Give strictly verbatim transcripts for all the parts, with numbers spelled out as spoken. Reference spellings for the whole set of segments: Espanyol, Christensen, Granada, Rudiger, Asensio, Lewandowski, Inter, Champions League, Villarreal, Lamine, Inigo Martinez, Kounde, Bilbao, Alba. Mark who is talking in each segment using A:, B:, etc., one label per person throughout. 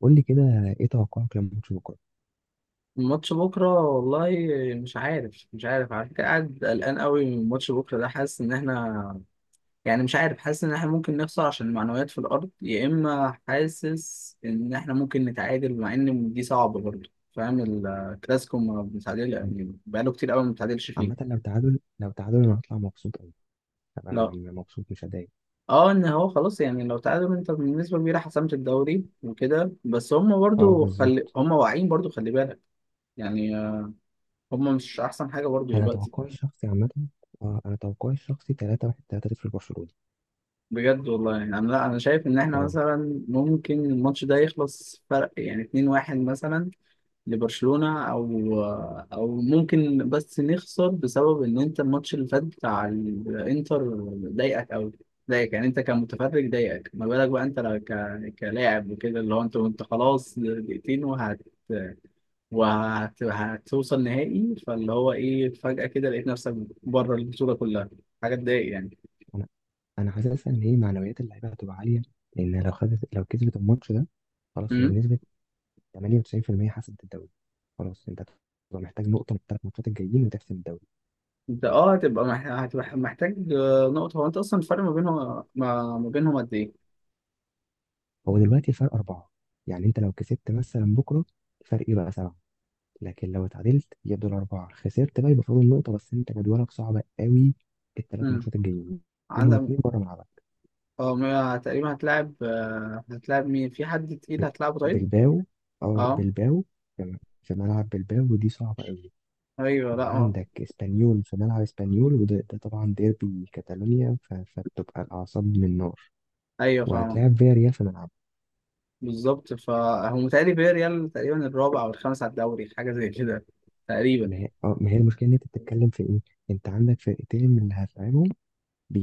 A: قول لي كده، ايه توقعك لماتش بكره؟
B: الماتش بكرة والله. مش عارف مش عارف على فكرة، قاعد قلقان قوي من ماتش بكرة ده. حاسس إن إحنا، يعني مش عارف، حاسس إن إحنا ممكن نخسر عشان المعنويات في الأرض، يا إما حاسس إن إحنا ممكن نتعادل، مع إن دي صعبة برضه. فاهم؟ الكلاسيكو ما بنتعادل
A: عم-
B: يعني، بقاله كتير قوي ما بنتعادلش
A: عامه،
B: فيه.
A: لو تعادل لو تعادل انا هطلع مبسوط قوي. انا
B: لا.
A: يعني مبسوط مش هضايق.
B: اه، ان هو خلاص يعني لو تعادل انت بالنسبه كبيره، حسمت الدوري وكده، بس هم
A: اه،
B: برضو خلي
A: بالظبط.
B: هم واعيين، برضو خلي بالك. يعني هم مش احسن حاجه برضو
A: انا
B: دلوقتي.
A: توقعي الشخصي عامه. اه، انا توقعي الشخصي تلاتة واحد تلاتة صفر لبرشلونه.
B: بجد والله. يعني انا، لا، انا شايف ان احنا
A: اه،
B: مثلا ممكن الماتش ده يخلص فرق يعني اتنين واحد مثلا، لبرشلونة. او او ممكن بس نخسر، بسبب ان انت الماتش اللي فات بتاع الانتر ضايقك قوي. ضايقك يعني، انت كمتفرج ضايقك، ما بالك بقى انت لو ك... كلاعب وكده. اللي هو انت وانت خلاص دقيقتين وهت وهت... هتوصل نهائي، فاللي هو ايه، فجأة كده لقيت نفسك بره البطولة كلها. حاجة تضايق.
A: انا انا حاسس ان هي معنويات اللعيبه هتبقى عاليه، لان لو خدت لو كسبت الماتش ده خلاص. هي
B: يعني
A: بنسبه تمانية وتسعين بالمية حسمت الدوري. خلاص انت هتبقى محتاج نقطه من الثلاث ماتشات الجايين وتحسم الدوري.
B: انت اه هتبقى مح- هتبقى محتاج آه، نقطة. هو انت اصلا الفرق ما بينهم، ما ما بينهم قد ايه؟
A: هو دلوقتي الفرق اربعه، يعني انت لو كسبت مثلا بكره الفرق يبقى سبعه. لكن لو اتعادلت يفضل أربعة. خسرت بقى يبقى فاضل نقطة بس. أنت جدولك صعب قوي، الثلاث
B: امم.
A: ماتشات الجايين منهم
B: عندك.
A: اتنين بره ملعبك.
B: اه، ما- تقريبا هتلاعب، آه، هتلاعب مين؟ في حد تقيل
A: ب-
B: هتلاعبه طيب؟
A: بلباو، اه
B: اه.
A: بلباو. في في ملعب بلباو ودي صعبة قوي.
B: ايوه. لا. اه.
A: وعندك اسبانيول في ملعب اسبانيول، وده ده طبعا ديربي كاتالونيا، ف- فبتبقى الأعصاب من نار.
B: ايوه، فاهم.
A: وهتلاعب فياريال في ملعب.
B: بالظبط. فهو متهيألي فياريال تقريبا الرابع او الخامس على الدوري، حاجة زي كده تقريبا.
A: ما هي اه ما هي المشكلة إن أنت بتتكلم في إيه؟ أنت عندك فرقتين من اللي هتلعبهم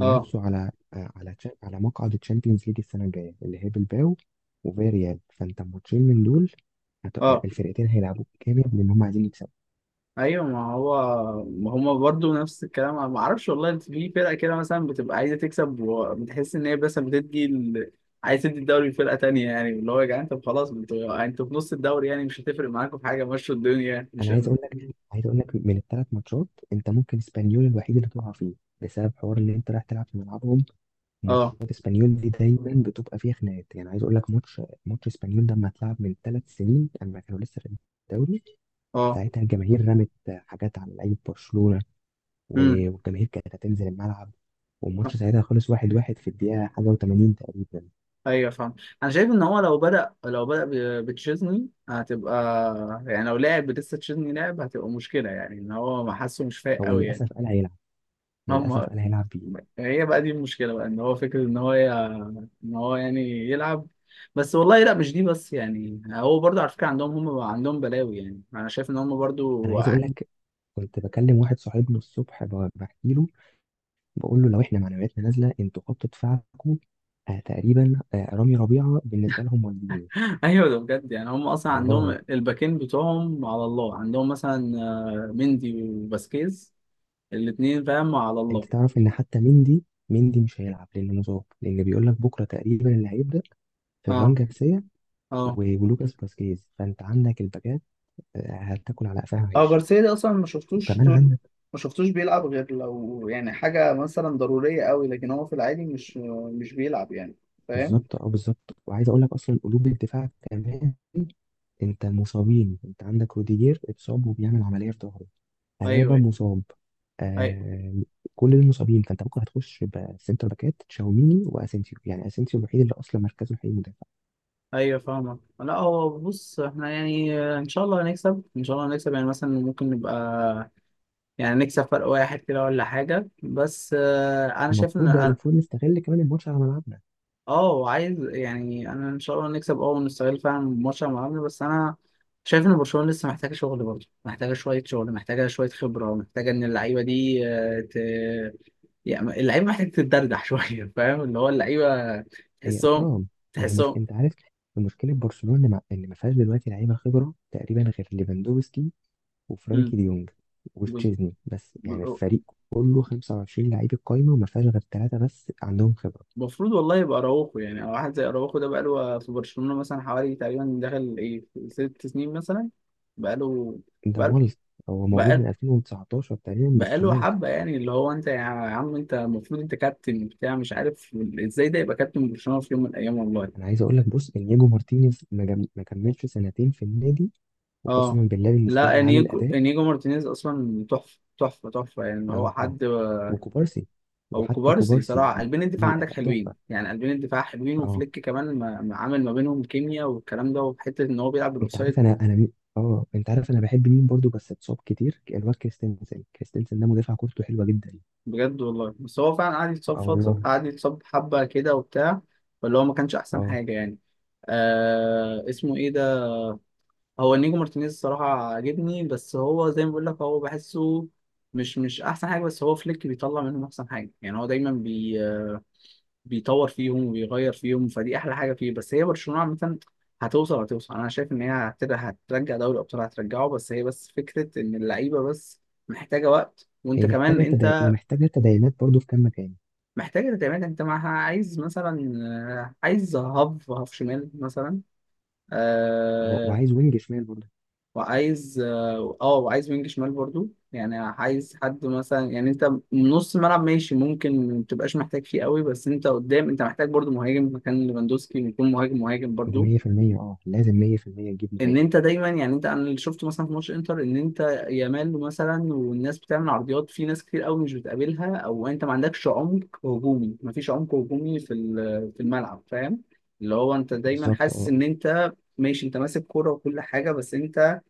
B: اه.
A: على آه، على تشا- على مقعد الشامبيونز ليج السنه الجايه، اللي هي بالباو وفياريال، فانت ماتشين من دول. هت- آه،
B: اه.
A: الفرقتين هيلعبوا جامد لان هم عايزين يكسبوا.
B: ايوه، ما هو، ما هما برضو نفس الكلام. ما اعرفش والله، انت في فرقه كده مثلا بتبقى عايزه تكسب، وبتحس ان هي بس بتدي ال... عايز تدي الدوري لفرقه تانية. يعني اللي هو، يا جدعان، طب خلاص، انتوا انتوا في نص الدوري، يعني مش هتفرق معاكم في حاجه، مشوا الدنيا يعني. مش.
A: انا عايز اقول لك، عايز اقول لك من الثلاث ماتشات انت ممكن اسبانيول الوحيد اللي تقع فيه، بسبب حوار ان انت رايح تلعب في ملعبهم.
B: اه.
A: وماتشات اسبانيول دي دايما بتبقى فيها خناقات. يعني عايز اقول لك، ماتش ماتش اسبانيول ده لما اتلعب من ثلاث سنين، اما كانوا لسه في الدوري،
B: اه.
A: ساعتها الجماهير رمت حاجات على لعيبه برشلونه،
B: امم.
A: و- والجماهير كانت هتنزل الملعب، والماتش ساعتها خلص واحد واحد في الدقيقة حاجة وتمانين تقريبا.
B: ايوه، فاهم. انا شايف ان هو لو بدأ لو بدأ ب- بتشيزني هتبقى، يعني لو لعب لسه تشيزني لعب هتبقى مشكله، يعني ان هو ما حاسه مش فايق
A: هو
B: قوي يعني.
A: للأسف قال هيلعب. للأسف
B: هم
A: قال هيلعب بيه.
B: هي بقى دي المشكلة بقى، ان هو فكرة ان هو ي... ان هو يعني يلعب. بس والله لا، مش دي بس يعني. هو برضه على فكرة عندهم، هم عندهم بلاوي، يعني انا شايف ان هم برضه.
A: أنا عايز أقول لك، كنت بكلم واحد صاحبنا الصبح، ب- بحكي له، بقول له لو إحنا معنوياتنا نازلة أنتوا خط دفاعكم آه، تقريبا آه، رامي ربيعة بالنسبة لهم والدين
B: ايوه ده بجد. يعني هم اصلا عندهم
A: والله.
B: الباكين بتوعهم على الله، عندهم مثلا آه، مندي وباسكيز، الاتنين فاهم على
A: أنت
B: الله.
A: تعرف إن حتى مندي، مندي مش هيلعب لأنه مصاب، لأن بيقول لك بكرة تقريبا اللي هيبدأ فران
B: اه.
A: جارسيا
B: اه.
A: و- ولوكاس فاسكيز. فأنت عندك الباكات آه، هتاكل على قفاها
B: اه،
A: عيش.
B: جارسيا ده اصلا ما شفتوش طول.
A: وكمان
B: ما شفتوش بيلعب غير لو يعني حاجة مثلا ضرورية قوي، لكن هو في العادي مش مش بيلعب يعني. فاهم؟
A: بالظبط، اه بالظبط، وعايز اقول لك اصلا قلوب الدفاع كمان، انت المصابين، انت عندك روديجير اتصاب وبيعمل عمليه في ظهره، الابا
B: ايوه.
A: مصاب،
B: أيوة.
A: آه. كل دول مصابين، فانت ممكن هتخش بسنتر باكات تشاوميني واسينسيو، يعني اسينسيو الوحيد اللي اصلا مركزه الحقيقي مدافع.
B: ايوه فاهمك. لا هو بص، احنا يعني ان شاء الله هنكسب. ان شاء الله هنكسب يعني، مثلا ممكن نبقى يعني نكسب فرق واحد كده ولا حاجه، بس آه، انا شايف ان
A: المفروض، ده
B: أنا-
A: المفروض نستغل كمان الماتش على ملعبنا.
B: اه عايز، يعني انا ان شاء الله نكسب، اه، ونستغل فعلا ماتش مع بعض. بس انا شايف ان برشلونه لسه محتاجه شغل برضه، محتاجه شويه شغل، محتاجه شويه خبره، محتاجه ان اللعيبه دي آه، ت... يعني اللعيبه محتاجه تتدردح شويه، فاهم؟ اللي هو اللعيبه
A: هي
B: تحسهم.
A: اه، ما هي مش
B: تحسهم.
A: انت عارف المشكله في برشلونه، مع- ان ما فيهاش دلوقتي لعيبه خبره تقريبا غير ليفاندوفسكي وفرانكي ديونج وتشيزني. بس يعني
B: مم.
A: الفريق كله خمسة وعشرين لعيب القايمة وما فيهاش غير ثلاثة بس عندهم خبرة.
B: المفروض والله يبقى اراوخو، يعني او واحد زي اراوخو ده بقاله في برشلونة مثلا حوالي تقريبا دخل ايه في ست سنين مثلا. بقاله
A: ده
B: بقاله
A: مالت، هو موجود من
B: بقاله,
A: ألفين وتسعتاشر تقريبا بس
B: بقاله حبة،
A: مالت.
B: يعني اللي هو انت يا عم، انت المفروض انت كابتن بتاع مش عارف ازاي ده يبقى كابتن برشلونة في يوم من الايام، والله.
A: انا عايز اقول لك بص، انياجو مارتينيز ما جم- ما كملش سنتين في النادي،
B: اه،
A: وقسما بالله بالنسبة
B: لا،
A: لي عامل
B: انيجو
A: اداء.
B: انيجو مارتينيز اصلا تحفة، تحفة، تحفة، يعني هو
A: اه،
B: حد.
A: وكوبارسي،
B: او
A: وحتى
B: كوبارسي
A: كوبارسي
B: صراحة، قلبين الدفاع
A: عامل
B: عندك
A: اداء
B: حلوين
A: تحفة.
B: يعني، قلبين الدفاع حلوين.
A: اه،
B: وفليك كمان ما ما عامل ما بينهم كيمياء والكلام ده، وحتة ان هو بيلعب
A: انت عارف
B: بالاوفسايد.
A: انا انا مين- اه، انت عارف انا بحب مين برضو بس اتصاب كتير، الواد كريستنسن. كريستنسن ده مدافع كورته حلوة جدا.
B: بجد والله. بس هو فعلا قعد يتصاب
A: اه
B: فترة،
A: والله.
B: قعد يتصاب حبة كده وبتاع، فاللي هو ما كانش أحسن
A: اه،
B: حاجة يعني. آه اسمه إيه ده، هو نيجو مارتينيز الصراحة عاجبني، بس هو زي ما بقول لك، هو بحسه مش مش أحسن حاجة، بس هو فليك بيطلع منهم أحسن حاجة. يعني هو دايما بي آه، بيطور فيهم وبيغير فيهم، فدي أحلى حاجة فيه. بس هي برشلونة عامة هتوصل. هتوصل. أنا شايف إن هي هتر- هترجع دوري الأبطال، هترجعه. بس هي بس فكرة إن اللعيبة بس محتاجة وقت. وأنت
A: هي
B: كمان
A: محتاجة تدعي
B: أنت
A: ومحتاجة تدعيمات برضه في كام مكان.
B: محتاجة تعمل انت معها، عايز مثلا آه، عايز هاف هاف شمال مثلا.
A: اه،
B: آه
A: وعايز وينج شمال برضه.
B: وعايز اه آه، وعايز وينج شمال برضو. يعني عايز حد مثلا، يعني انت نص ملعب ماشي، ممكن ما تبقاش محتاج فيه قوي، بس انت قدام انت محتاج برضو مهاجم، مكان ليفاندوسكي يكون مهاجم، مهاجم
A: دي
B: برضو.
A: مية بالمية. اه لازم مية بالمية تجيب
B: ان
A: مهاجم.
B: انت دايما يعني، انت انا اللي شفته مثلا في ماتش انتر، ان انت يامال مثلا والناس بتعمل عرضيات، في ناس كتير قوي مش بتقابلها، او انت ما عندكش عمق هجومي، ما فيش عمق هجومي في ال- في الملعب، فاهم؟ اللي هو انت دايما
A: بالظبط،
B: حاسس
A: اه،
B: ان انت ماشي، انت ماسك كرة وكل حاجة، بس انت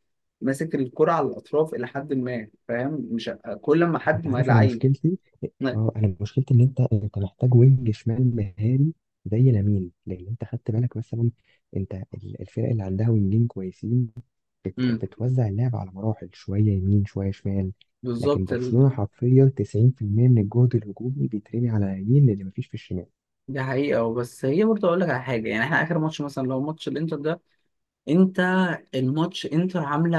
B: ماسك الكرة على الاطراف الى حد ما، فاهم؟ مش كل ما
A: انت
B: حد ما
A: عارف انا
B: لعيب.
A: مشكلتي. اه، انا مشكلتي ان انت، انت محتاج وينج شمال مهاري زي لامين. لان انت خدت بالك مثلا انت ال- الفرق اللي عندها وينجين كويسين بت...
B: امم
A: بتوزع اللعب على مراحل، شوية يمين شوية شمال. لكن
B: بالظبط. ال-
A: برشلونة حرفيا تسعين بالمية من الجهد الهجومي بيترمي على اليمين، اللي مفيش في الشمال.
B: دي حقيقة. بس هي برضه أقول لك على حاجة، يعني إحنا آخر ماتش مثلا لو ماتش الإنتر ده، أنت، لا الماتش انتر عامله.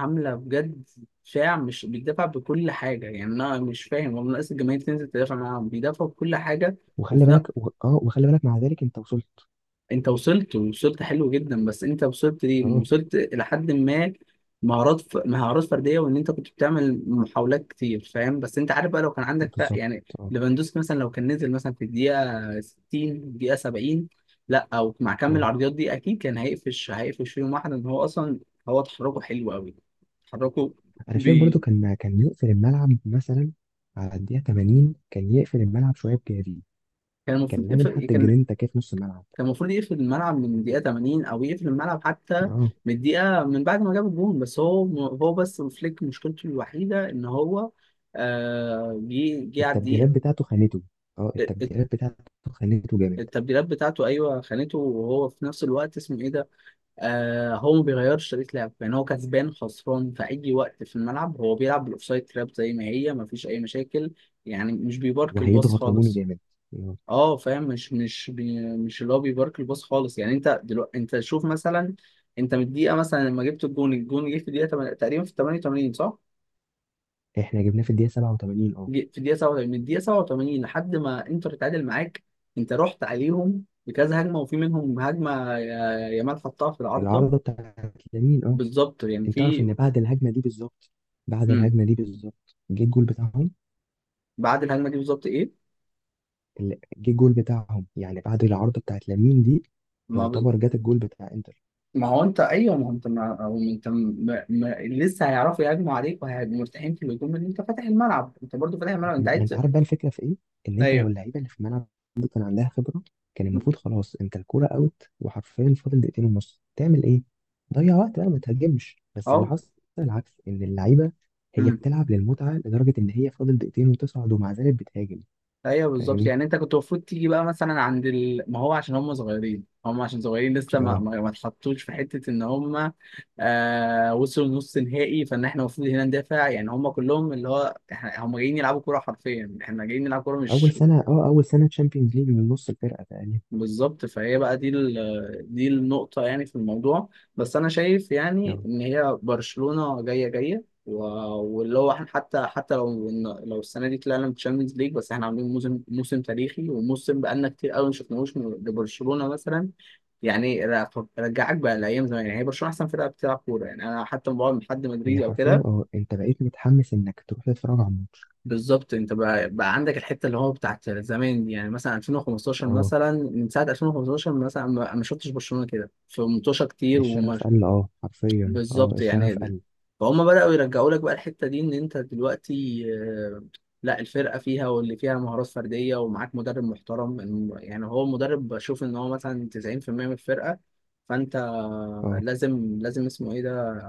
B: عامله بجد، شاع مش بيدافع بكل حاجه، يعني انا مش فاهم والله، ناقص الجماهير تنزل تدافع معاهم، بيدافعوا بكل حاجه.
A: وخلي
B: وفي ن-
A: بالك و... اه وخلي بالك مع ذلك انت وصلت.
B: انت وصلت، ووصلت حلو جدا، بس انت وصلت ليه،
A: اه
B: وصلت الى حد ما مهارات ف... مهارات فرديه، وان انت كنت بتعمل محاولات كتير، فاهم؟ بس انت عارف بقى، لو كان عندك ف...
A: بالظبط.
B: يعني
A: اه،
B: ليفاندوسكي مثلا لو كان نزل مثلا في الدقيقه ستين، الدقيقه سبعين، لا او مع كم
A: اه،
B: العرضيات دي اكيد كان هيقفش هيقفش فيهم واحد، ان هو اصلا هو تحركه حلو قوي، تحركه
A: انا شايف برضو
B: بي...
A: كان كان يقفل الملعب مثلا على الدقيقه تمانين. كان يقفل الملعب شويه بجافي،
B: كان
A: كان
B: المفروض يف-
A: لازم حتى
B: كان
A: جرينتا كده في نص الملعب.
B: كان المفروض يقفل الملعب من الدقيقة ثمانين، أو يقفل الملعب حتى
A: اه،
B: من الدقيقة من بعد ما جاب الجون. بس هو هو بس فليك مشكلته الوحيدة إن هو آه، جه جه على الدقيقة.
A: التبديلات بتاعته خانته. اه،
B: آه، آه،
A: التبديلات بتاعته خانته جامد.
B: التبديلات بتاعته، أيوه، خانته، وهو في نفس الوقت اسمه إيه ده، آه هو ما بيغيرش طريقة لعب. يعني هو كسبان خسران في أي وقت في الملعب، هو بيلعب بالأوفسايد تراب زي ما هي، ما فيش أي مشاكل يعني، مش بيبارك الباص
A: وهيضغط هجومي
B: خالص.
A: جامد، آه.
B: اه، فاهم. مش مش بي مش اللي هو بيبارك الباص خالص، يعني انت دلوقتي، انت شوف مثلا، انت من الدقيقه مثلا لما جبت الجون الجون جه في الدقيقه تمن- تقريبا في ثمانية وثمانين صح؟
A: احنا جبناه في الدقيقه سبعة وتمانين، اه،
B: جه في الدقيقه سبعة وتمانين، من الدقيقه سبعة وتمانين لحد ما انتر اتعادل معاك، انت رحت عليهم بكذا هجمه، وفي منهم هجمه يا- يامال حطها في العارضه.
A: العارضه بتاعت لامين، اه.
B: بالظبط. يعني
A: انت تعرف
B: في،
A: ان بعد الهجمه دي بالظبط، بعد
B: امم
A: الهجمه دي بالظبط جه الجول بتاعهم.
B: بعد الهجمه دي بالظبط ايه؟
A: ال- جه الجول بتاعهم، يعني بعد العارضه بتاعت لامين دي
B: ما بز...
A: يعتبر جت الجول بتاع انتر.
B: ما هو انت، ايوه، ما هو انت ما هو انت ما... ما... لسه هيعرفوا يهاجموا عليك، وهيبقوا مرتاحين في الهجوم ان انت فاتح الملعب. انت برضو فاتح الملعب، انت
A: ما ما
B: عايز.
A: انت عارف بقى الفكره في ايه. ان انت لو
B: ايوه.
A: اللعيبه اللي في الملعب دي كان عندها خبره، كان المفروض خلاص انت الكوره اوت وحرفيا فاضل دقيقتين ونص، تعمل ايه؟ ضيع وقت بقى ما تهاجمش. بس اللي
B: اه.
A: حصل العكس، ان اللعيبه هي
B: امم.
A: بتلعب للمتعه، لدرجه ان هي فاضل دقيقتين وتصعد ومع ذلك بتهاجم.
B: ايوه بالظبط.
A: فاهمني؟
B: يعني انت كنت المفروض تيجي بقى مثلا عند ال... ما هو عشان هم صغيرين، هم عشان صغيرين لسه ما
A: اه،
B: ما ما اتحطوش في حته ان هم آه وصلوا نص نهائي. فان احنا المفروض هنا ندافع، يعني هم كلهم اللي هو احنا، هم جايين يلعبوا كوره حرفيا، احنا جايين نلعب كوره
A: اول
B: مش.
A: سنه اه اول سنه تشامبيونز ليج من نص الفرقه تقريبا.
B: بالظبط. فهي بقى دي ال- دي النقطة يعني في الموضوع. بس أنا شايف يعني
A: اه،
B: إن هي برشلونة جاية. جاية و- واللي هو احنا، حتى حتى لو لو السنة دي طلعنا من تشامبيونز ليج، بس احنا عاملين موسم، موسم تاريخي، وموسم بقالنا كتير قوي ما شفناهوش من- لبرشلونة مثلا. يعني ر- رجعك بقى لأيام زمان. يعني هي برشلونة أحسن فرقة بتلعب كورة. يعني أنا حتى لما بقعد مع حد
A: هي
B: مدريدي أو
A: حرفيا،
B: كده،
A: اه انت بقيت متحمس انك تروح تتفرج على الماتش.
B: بالظبط. انت بقى, بقى عندك الحته اللي هو بتاعت زمان، يعني مثلا ألفين وخمستاشر.
A: اه
B: مثلا من ساعه ألفين وخمستاشر مثلا ما ما شفتش برشلونه كده في منتوشه كتير، وما.
A: الشغف قل، اه حرفيا، اه
B: بالظبط
A: الشغف
B: يعني.
A: قل.
B: فهم بداوا يرجعوا لك بقى الحته دي، ان انت دلوقتي آه، لا، الفرقه فيها، واللي فيها مهارات فرديه، ومعاك مدرب محترم. الم- يعني هو المدرب بشوف ان هو مثلا تسعين في المية من الفرقه، فانت
A: اه،
B: لازم لازم اسمه ايه ده،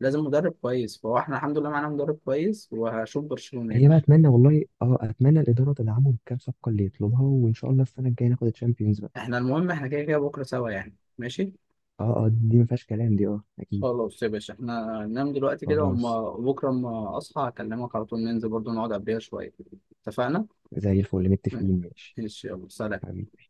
B: لازم مدرب كويس. فهو احنا الحمد لله معانا مدرب كويس، وهشوف برشلونه يعني.
A: هي بقى، اتمنى والله، اه اتمنى الاداره تدعمهم بكام صفقه اللي يطلبها، وان شاء الله السنه الجايه ناخد الشامبيونز بقى.
B: احنا المهم احنا كده كده بكرة سوا يعني، ماشي.
A: اه، اه، دي ما فيهاش كلام، دي اه اكيد.
B: خلاص يا باشا، احنا ننام دلوقتي كده،
A: خلاص.
B: وما بكرة اما اصحى اكلمك على طول. ننزل برضو نقعد قبلها شوية. اتفقنا؟
A: زي الفل، متفقين. ماشي
B: ماشي يلا سلام.
A: حبيبي.